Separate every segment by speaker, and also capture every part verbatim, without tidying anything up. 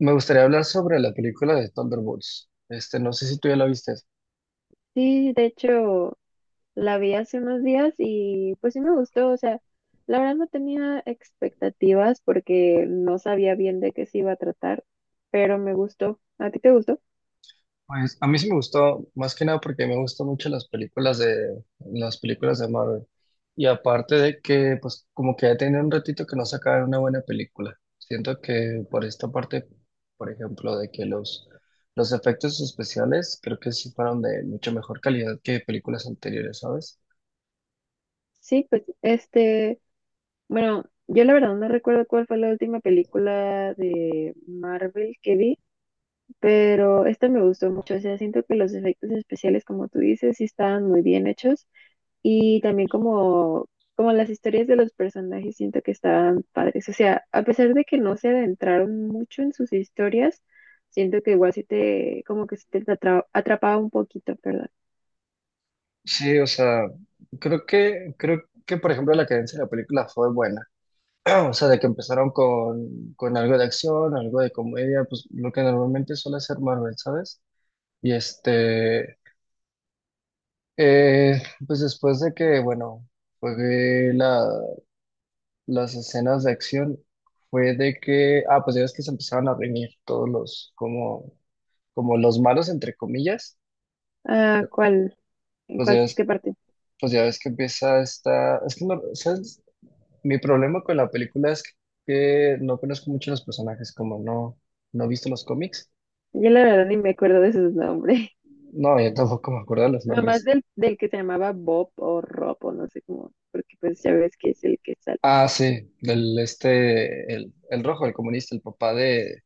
Speaker 1: Me gustaría hablar sobre la película de Thunderbolts. Este, no sé si tú ya la viste.
Speaker 2: Sí, de hecho, la vi hace unos días y pues sí me gustó, o sea, la verdad no tenía expectativas porque no sabía bien de qué se iba a tratar, pero me gustó. ¿A ti te gustó?
Speaker 1: Pues a mí sí me gustó, más que nada porque me gustan mucho las películas de las películas de Marvel. Y aparte de que, pues como que ya tenía un ratito que no sacaban una buena película. Siento que por esta parte, por ejemplo, de que los los efectos especiales creo que sí fueron de mucha mejor calidad que películas anteriores, ¿sabes?
Speaker 2: Sí, pues este, bueno, yo la verdad no recuerdo cuál fue la última película de Marvel que vi, pero esta me gustó mucho, o sea, siento que los efectos especiales, como tú dices, sí estaban muy bien hechos. Y también como, como las historias de los personajes siento que estaban padres. O sea, a pesar de que no se adentraron mucho en sus historias, siento que igual sí te, como que sí te atra- atrapaba un poquito, perdón.
Speaker 1: Sí, o sea, creo que creo que por ejemplo la cadencia de la película fue buena. O sea, de que empezaron con, con algo de acción, algo de comedia, pues lo que normalmente suele hacer Marvel, ¿sabes? Y este, eh, pues después de que, bueno, fue la, las escenas de acción, fue de que, ah, pues ya ves que se empezaron a reunir todos los, como, como los malos, entre comillas,
Speaker 2: Ah, ¿cuál? ¿En
Speaker 1: pues ya
Speaker 2: cuál? ¿Qué
Speaker 1: ves,
Speaker 2: parte?
Speaker 1: pues ya ves que empieza esta, es que no, ¿sabes? Mi problema con la película es que no conozco mucho los personajes, como no, no he visto los cómics.
Speaker 2: Yo la verdad ni me acuerdo de sus nombres.
Speaker 1: No, yo tampoco me acuerdo de los
Speaker 2: Nomás
Speaker 1: nombres.
Speaker 2: del, del que se llamaba Bob o Rob o no sé cómo, porque pues ya ves que es el que está.
Speaker 1: Ah, sí, del este, el, el rojo, el comunista, el papá de,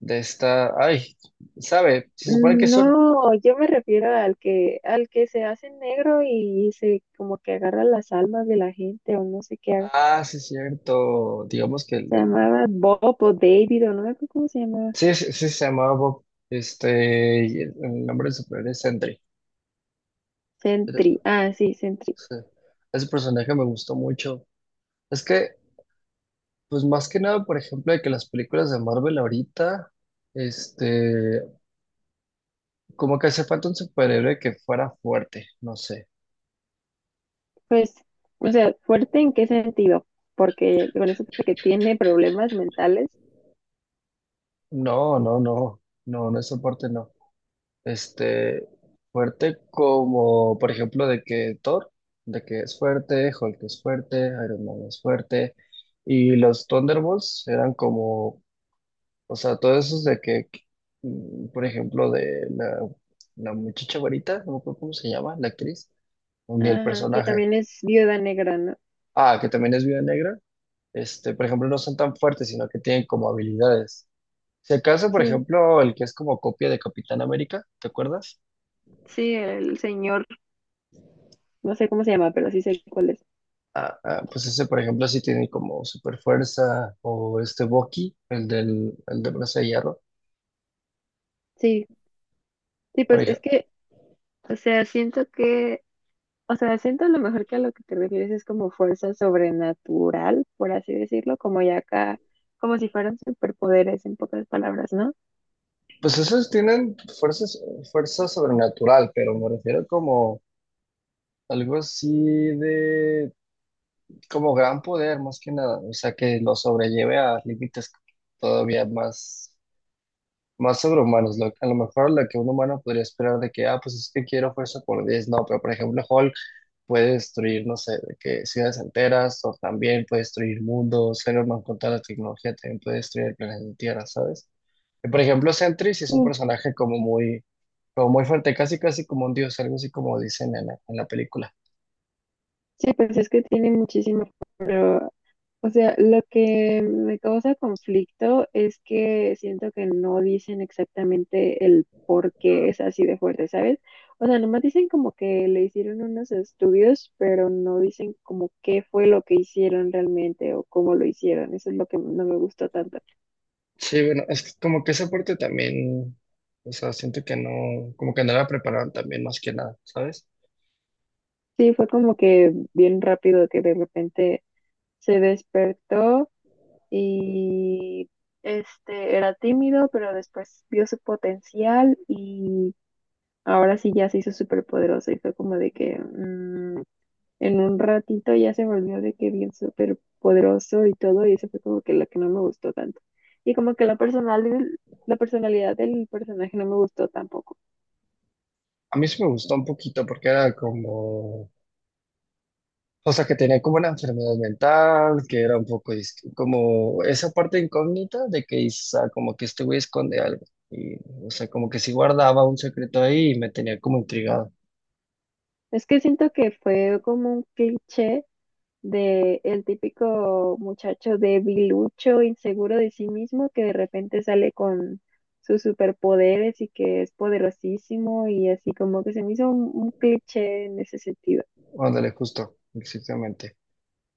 Speaker 1: de esta. Ay, ¿sabe? Se supone que son.
Speaker 2: No, yo me refiero al que, al que se hace negro y se como que agarra las almas de la gente o no sé qué haga.
Speaker 1: Ah, sí, es cierto. Digamos que el,
Speaker 2: Se
Speaker 1: el-
Speaker 2: llamaba Bob o David o no me acuerdo cómo se llamaba.
Speaker 1: Sí, sí, sí, se llamaba Bob. Este, y el, el nombre del superhéroe es Sentry. Pero,
Speaker 2: Sentry. Ah, sí, Sentry.
Speaker 1: sí, ese personaje me gustó mucho. Es que, pues más que nada, por ejemplo, de que las películas de Marvel ahorita, este, como que hace falta un superhéroe que fuera fuerte, no sé.
Speaker 2: Pues, o sea, fuerte en qué sentido, porque con eso de que tiene problemas mentales.
Speaker 1: No, no, no, no, no es soporte, no. Este, fuerte como, por ejemplo, de que Thor, de que es fuerte, Hulk es fuerte, Iron Man es fuerte, y los Thunderbolts eran como, o sea, todos esos de que, mm, por ejemplo, de la, la muchacha varita, no me acuerdo cómo se llama, la actriz, ni el
Speaker 2: Ajá, que
Speaker 1: personaje.
Speaker 2: también es Viuda Negra, ¿no?
Speaker 1: Ah, que también es Viuda Negra, este, por ejemplo, no son tan fuertes, sino que tienen como habilidades. Si acaso, por
Speaker 2: Sí,
Speaker 1: ejemplo, el que es como copia de Capitán América, ¿te acuerdas?
Speaker 2: sí, el señor, no sé cómo se llama, pero sí sé cuál es.
Speaker 1: Ah, ah, pues ese, por ejemplo, sí tiene como super fuerza, o este Bucky, el del, el de brazo de hierro,
Speaker 2: Sí, sí,
Speaker 1: por
Speaker 2: pues es
Speaker 1: ejemplo.
Speaker 2: que, o sea, siento que, o sea, siento a lo mejor que a lo que te refieres es como fuerza sobrenatural, por así decirlo, como ya acá, como si fueran superpoderes en pocas palabras, ¿no?
Speaker 1: Pues esos tienen fuerzas, fuerza sobrenatural, pero me refiero como algo así de, como gran poder, más que nada. O sea, que lo sobrelleve a límites todavía más, más sobrehumanos. Lo- a lo mejor lo que un humano podría esperar de que, ah, pues es que quiero fuerza por diez no, pero por ejemplo, Hulk puede destruir, no sé, de que ciudades enteras, o también puede destruir mundos, pero más con toda la tecnología también puede destruir el planeta Tierra, ¿sabes? Y, por ejemplo, Sentry sí es un
Speaker 2: Mm.
Speaker 1: personaje como muy, como muy fuerte, casi casi como un dios, algo así como dicen en la, en la película.
Speaker 2: Sí, pues es que tiene muchísimo, pero, o sea, lo que me causa conflicto es que siento que no dicen exactamente el por qué es así de fuerte, ¿sabes? O sea, nomás dicen como que le hicieron unos estudios, pero no dicen como qué fue lo que hicieron realmente o cómo lo hicieron. Eso es lo que no me gustó tanto.
Speaker 1: Sí, bueno, es que como que esa parte también, o sea, siento que no, como que no la prepararon también más que nada, ¿sabes?
Speaker 2: Sí, fue como que bien rápido que de repente se despertó y este era tímido, pero después vio su potencial y ahora sí ya se hizo súper poderoso y fue como de que mm, en un ratito ya se volvió de que bien súper poderoso y todo y eso fue como que lo que no me gustó tanto. Y como que la personal, la personalidad del personaje no me gustó tampoco.
Speaker 1: A mí sí me gustó un poquito porque era como, o sea, que tenía como una enfermedad mental, que era un poco dis- como esa parte incógnita de que quizá como que este güey esconde algo. Y, o sea, como que sí guardaba un secreto ahí y me tenía como intrigado.
Speaker 2: Es que siento que fue como un cliché de el típico muchacho debilucho, inseguro de sí mismo, que de repente sale con sus superpoderes y que es poderosísimo y así como que se me hizo un, un cliché en ese sentido.
Speaker 1: Ándale, justo, exactamente.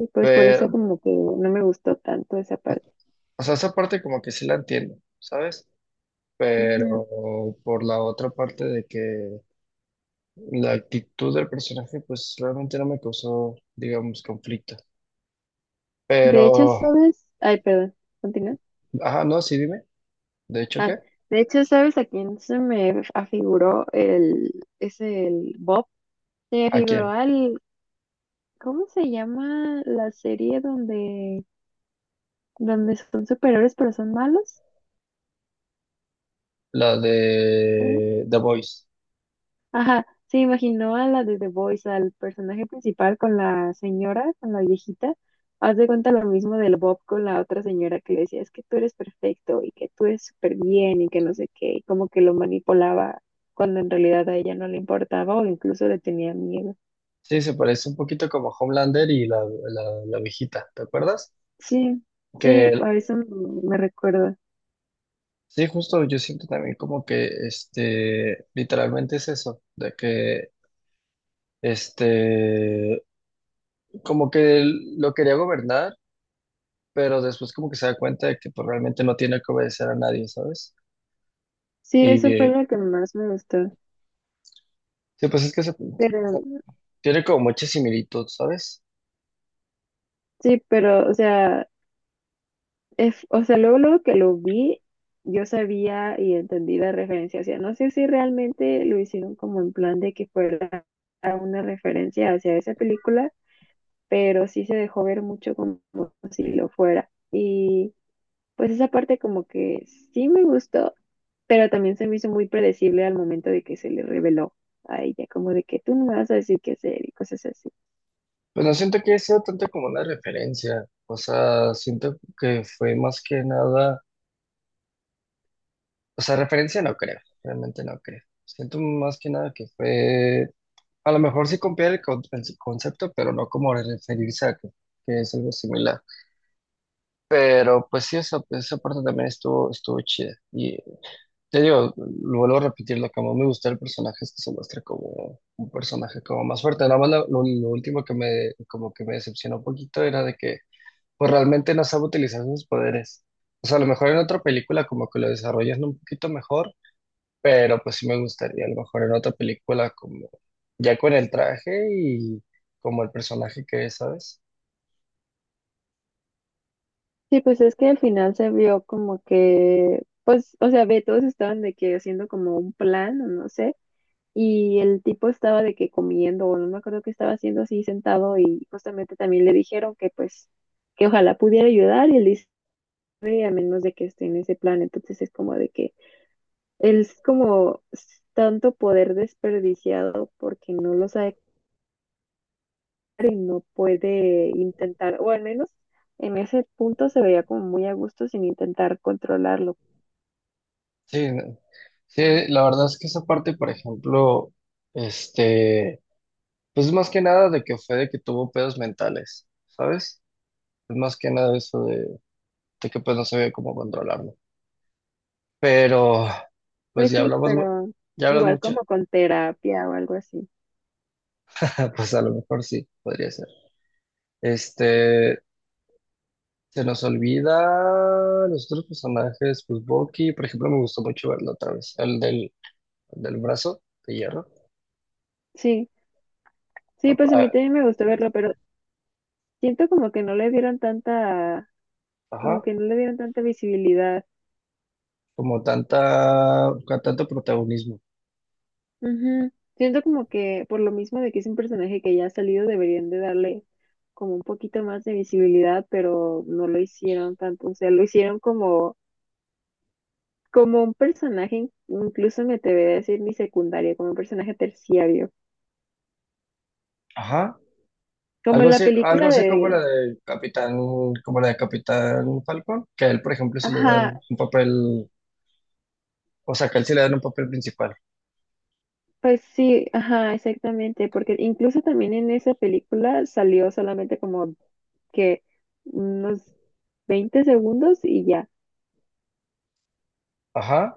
Speaker 2: Y pues por eso
Speaker 1: Pero,
Speaker 2: como que no me gustó tanto esa parte.
Speaker 1: o sea, esa parte como que sí la entiendo, ¿sabes?
Speaker 2: Ujú.
Speaker 1: Pero por la otra parte de que la actitud del personaje, pues realmente no me causó, digamos, conflicto.
Speaker 2: De hecho,
Speaker 1: Pero,
Speaker 2: ¿sabes? Ay, perdón, continúa.
Speaker 1: ajá, no, sí, dime. ¿De hecho
Speaker 2: Ah,
Speaker 1: qué?
Speaker 2: de hecho, ¿sabes a quién se me afiguró el, es el Bob? Se me
Speaker 1: ¿A
Speaker 2: afiguró
Speaker 1: quién?
Speaker 2: al, ¿cómo se llama la serie donde donde son superhéroes pero son malos?
Speaker 1: La
Speaker 2: ¿Sí?
Speaker 1: de The Voice.
Speaker 2: Ajá, se imaginó a la de The Voice, al personaje principal con la señora, con la viejita. Haz de cuenta lo mismo del Bob con la otra señora que le decía, es que tú eres perfecto y que tú eres súper bien y que no sé qué, y como que lo manipulaba cuando en realidad a ella no le importaba o incluso le tenía miedo.
Speaker 1: Sí, se parece un poquito como Homelander y la, la, la viejita, ¿te acuerdas?
Speaker 2: Sí, sí,
Speaker 1: Que
Speaker 2: a eso me me recuerda.
Speaker 1: sí, justo yo siento también como que este, literalmente es eso, de que este, como que él lo quería gobernar, pero después como que se da cuenta de que pues, realmente no tiene que obedecer a nadie, ¿sabes?
Speaker 2: Sí,
Speaker 1: Y
Speaker 2: eso fue
Speaker 1: eh,
Speaker 2: lo que más me gustó.
Speaker 1: sí, pues es que se- o
Speaker 2: Pero,
Speaker 1: sea, tiene como mucha similitud, ¿sabes?
Speaker 2: sí, pero, o sea, es, o sea, luego, luego que lo vi, yo sabía y entendí la referencia. O sea, no sé si realmente lo hicieron como en plan de que fuera a una referencia hacia esa película, pero sí se dejó ver mucho como si lo fuera. Y pues esa parte como que sí me gustó, pero también se me hizo muy predecible al momento de que se le reveló a ella, como de que tú no me vas a decir qué hacer y cosas así.
Speaker 1: Bueno, siento que he sido tanto como una referencia, o sea, siento que fue más que nada, o sea, referencia no creo, realmente no creo. Siento más que nada que fue, a lo mejor sí copiar el, con- el concepto, pero no como referirse a que, que es algo similar. Pero pues sí, esa, esa parte también estuvo, estuvo chida. Y te digo, lo vuelvo a repetir, lo que más me gusta del personaje es que se muestra como un personaje como más fuerte. Nada más lo, lo- lo último que me, como que me decepcionó un poquito era de que pues realmente no sabe utilizar sus poderes. O sea, a lo mejor en otra película como que lo desarrollan un poquito mejor, pero pues sí me gustaría a lo mejor en otra película como ya con el traje y como el personaje que es, ¿sabes?
Speaker 2: Sí, pues es que al final se vio como que, pues, o sea, ve, todos estaban de que haciendo como un plan, o no sé, y el tipo estaba de que comiendo, o no me acuerdo qué estaba haciendo así sentado, y justamente también le dijeron que pues, que ojalá pudiera ayudar, y él dice, "Ay, a menos de que esté en ese plan", entonces es como de que él es como tanto poder desperdiciado porque no lo sabe y no puede intentar, o al menos en ese punto se veía como muy a gusto sin intentar controlarlo.
Speaker 1: Sí, no- sí, la verdad es que esa parte, por ejemplo, este, pues más que nada de que fue de que tuvo pedos mentales, ¿sabes? Pues más que nada eso de, de que pues no sabía cómo controlarlo. Pero, pues
Speaker 2: Pues
Speaker 1: ya
Speaker 2: sí,
Speaker 1: hablamos, mu-
Speaker 2: pero
Speaker 1: ya hablas
Speaker 2: igual
Speaker 1: mucho.
Speaker 2: como con terapia o algo así.
Speaker 1: Pues a lo mejor sí, podría ser. Este, se nos olvida los otros personajes, pues Bucky, por ejemplo, me gustó mucho verlo otra vez, el del, del brazo de hierro.
Speaker 2: Sí,
Speaker 1: A-
Speaker 2: sí, pues a mí
Speaker 1: a-
Speaker 2: también me gustó verlo, pero siento como que no le dieron tanta, como
Speaker 1: Ajá,
Speaker 2: que no le dieron tanta visibilidad.
Speaker 1: como tanta, con tanto protagonismo.
Speaker 2: Ujú. Siento como que por lo mismo de que es un personaje que ya ha salido, deberían de darle como un poquito más de visibilidad, pero no lo hicieron tanto. O sea, lo hicieron como, como un personaje, in- incluso me atrevería a decir ni secundario, como un personaje terciario.
Speaker 1: Ajá,
Speaker 2: Como
Speaker 1: algo
Speaker 2: en la
Speaker 1: así, algo
Speaker 2: película
Speaker 1: así como la
Speaker 2: de...
Speaker 1: de Capitán, como la de Capitán Falcon, que a él, por ejemplo, sí le
Speaker 2: Ajá,
Speaker 1: dan un papel, o sea, que a él sí le dan un papel principal.
Speaker 2: pues sí, ajá, exactamente, porque incluso también en esa película salió solamente como que unos veinte segundos y ya,
Speaker 1: Ajá.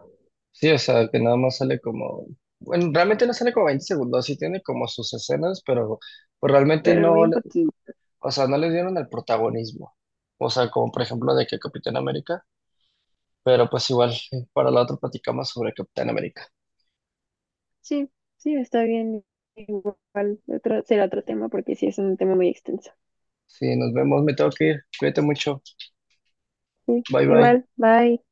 Speaker 1: Sí, o sea, que nada más sale como, bueno, realmente no sale como veinte segundos, sí tiene como sus escenas, pero pues realmente
Speaker 2: pero
Speaker 1: no,
Speaker 2: bien
Speaker 1: le-
Speaker 2: poquito.
Speaker 1: o sea, no le dieron el protagonismo. O sea, como por ejemplo de que Capitán América, pero pues igual para la otra platicamos sobre Capitán América.
Speaker 2: Sí, sí, está bien, igual, otro, será otro tema porque sí es un tema muy extenso.
Speaker 1: Sí, nos vemos, me tengo que ir. Cuídate mucho.
Speaker 2: Sí,
Speaker 1: Bye bye.
Speaker 2: igual, bye.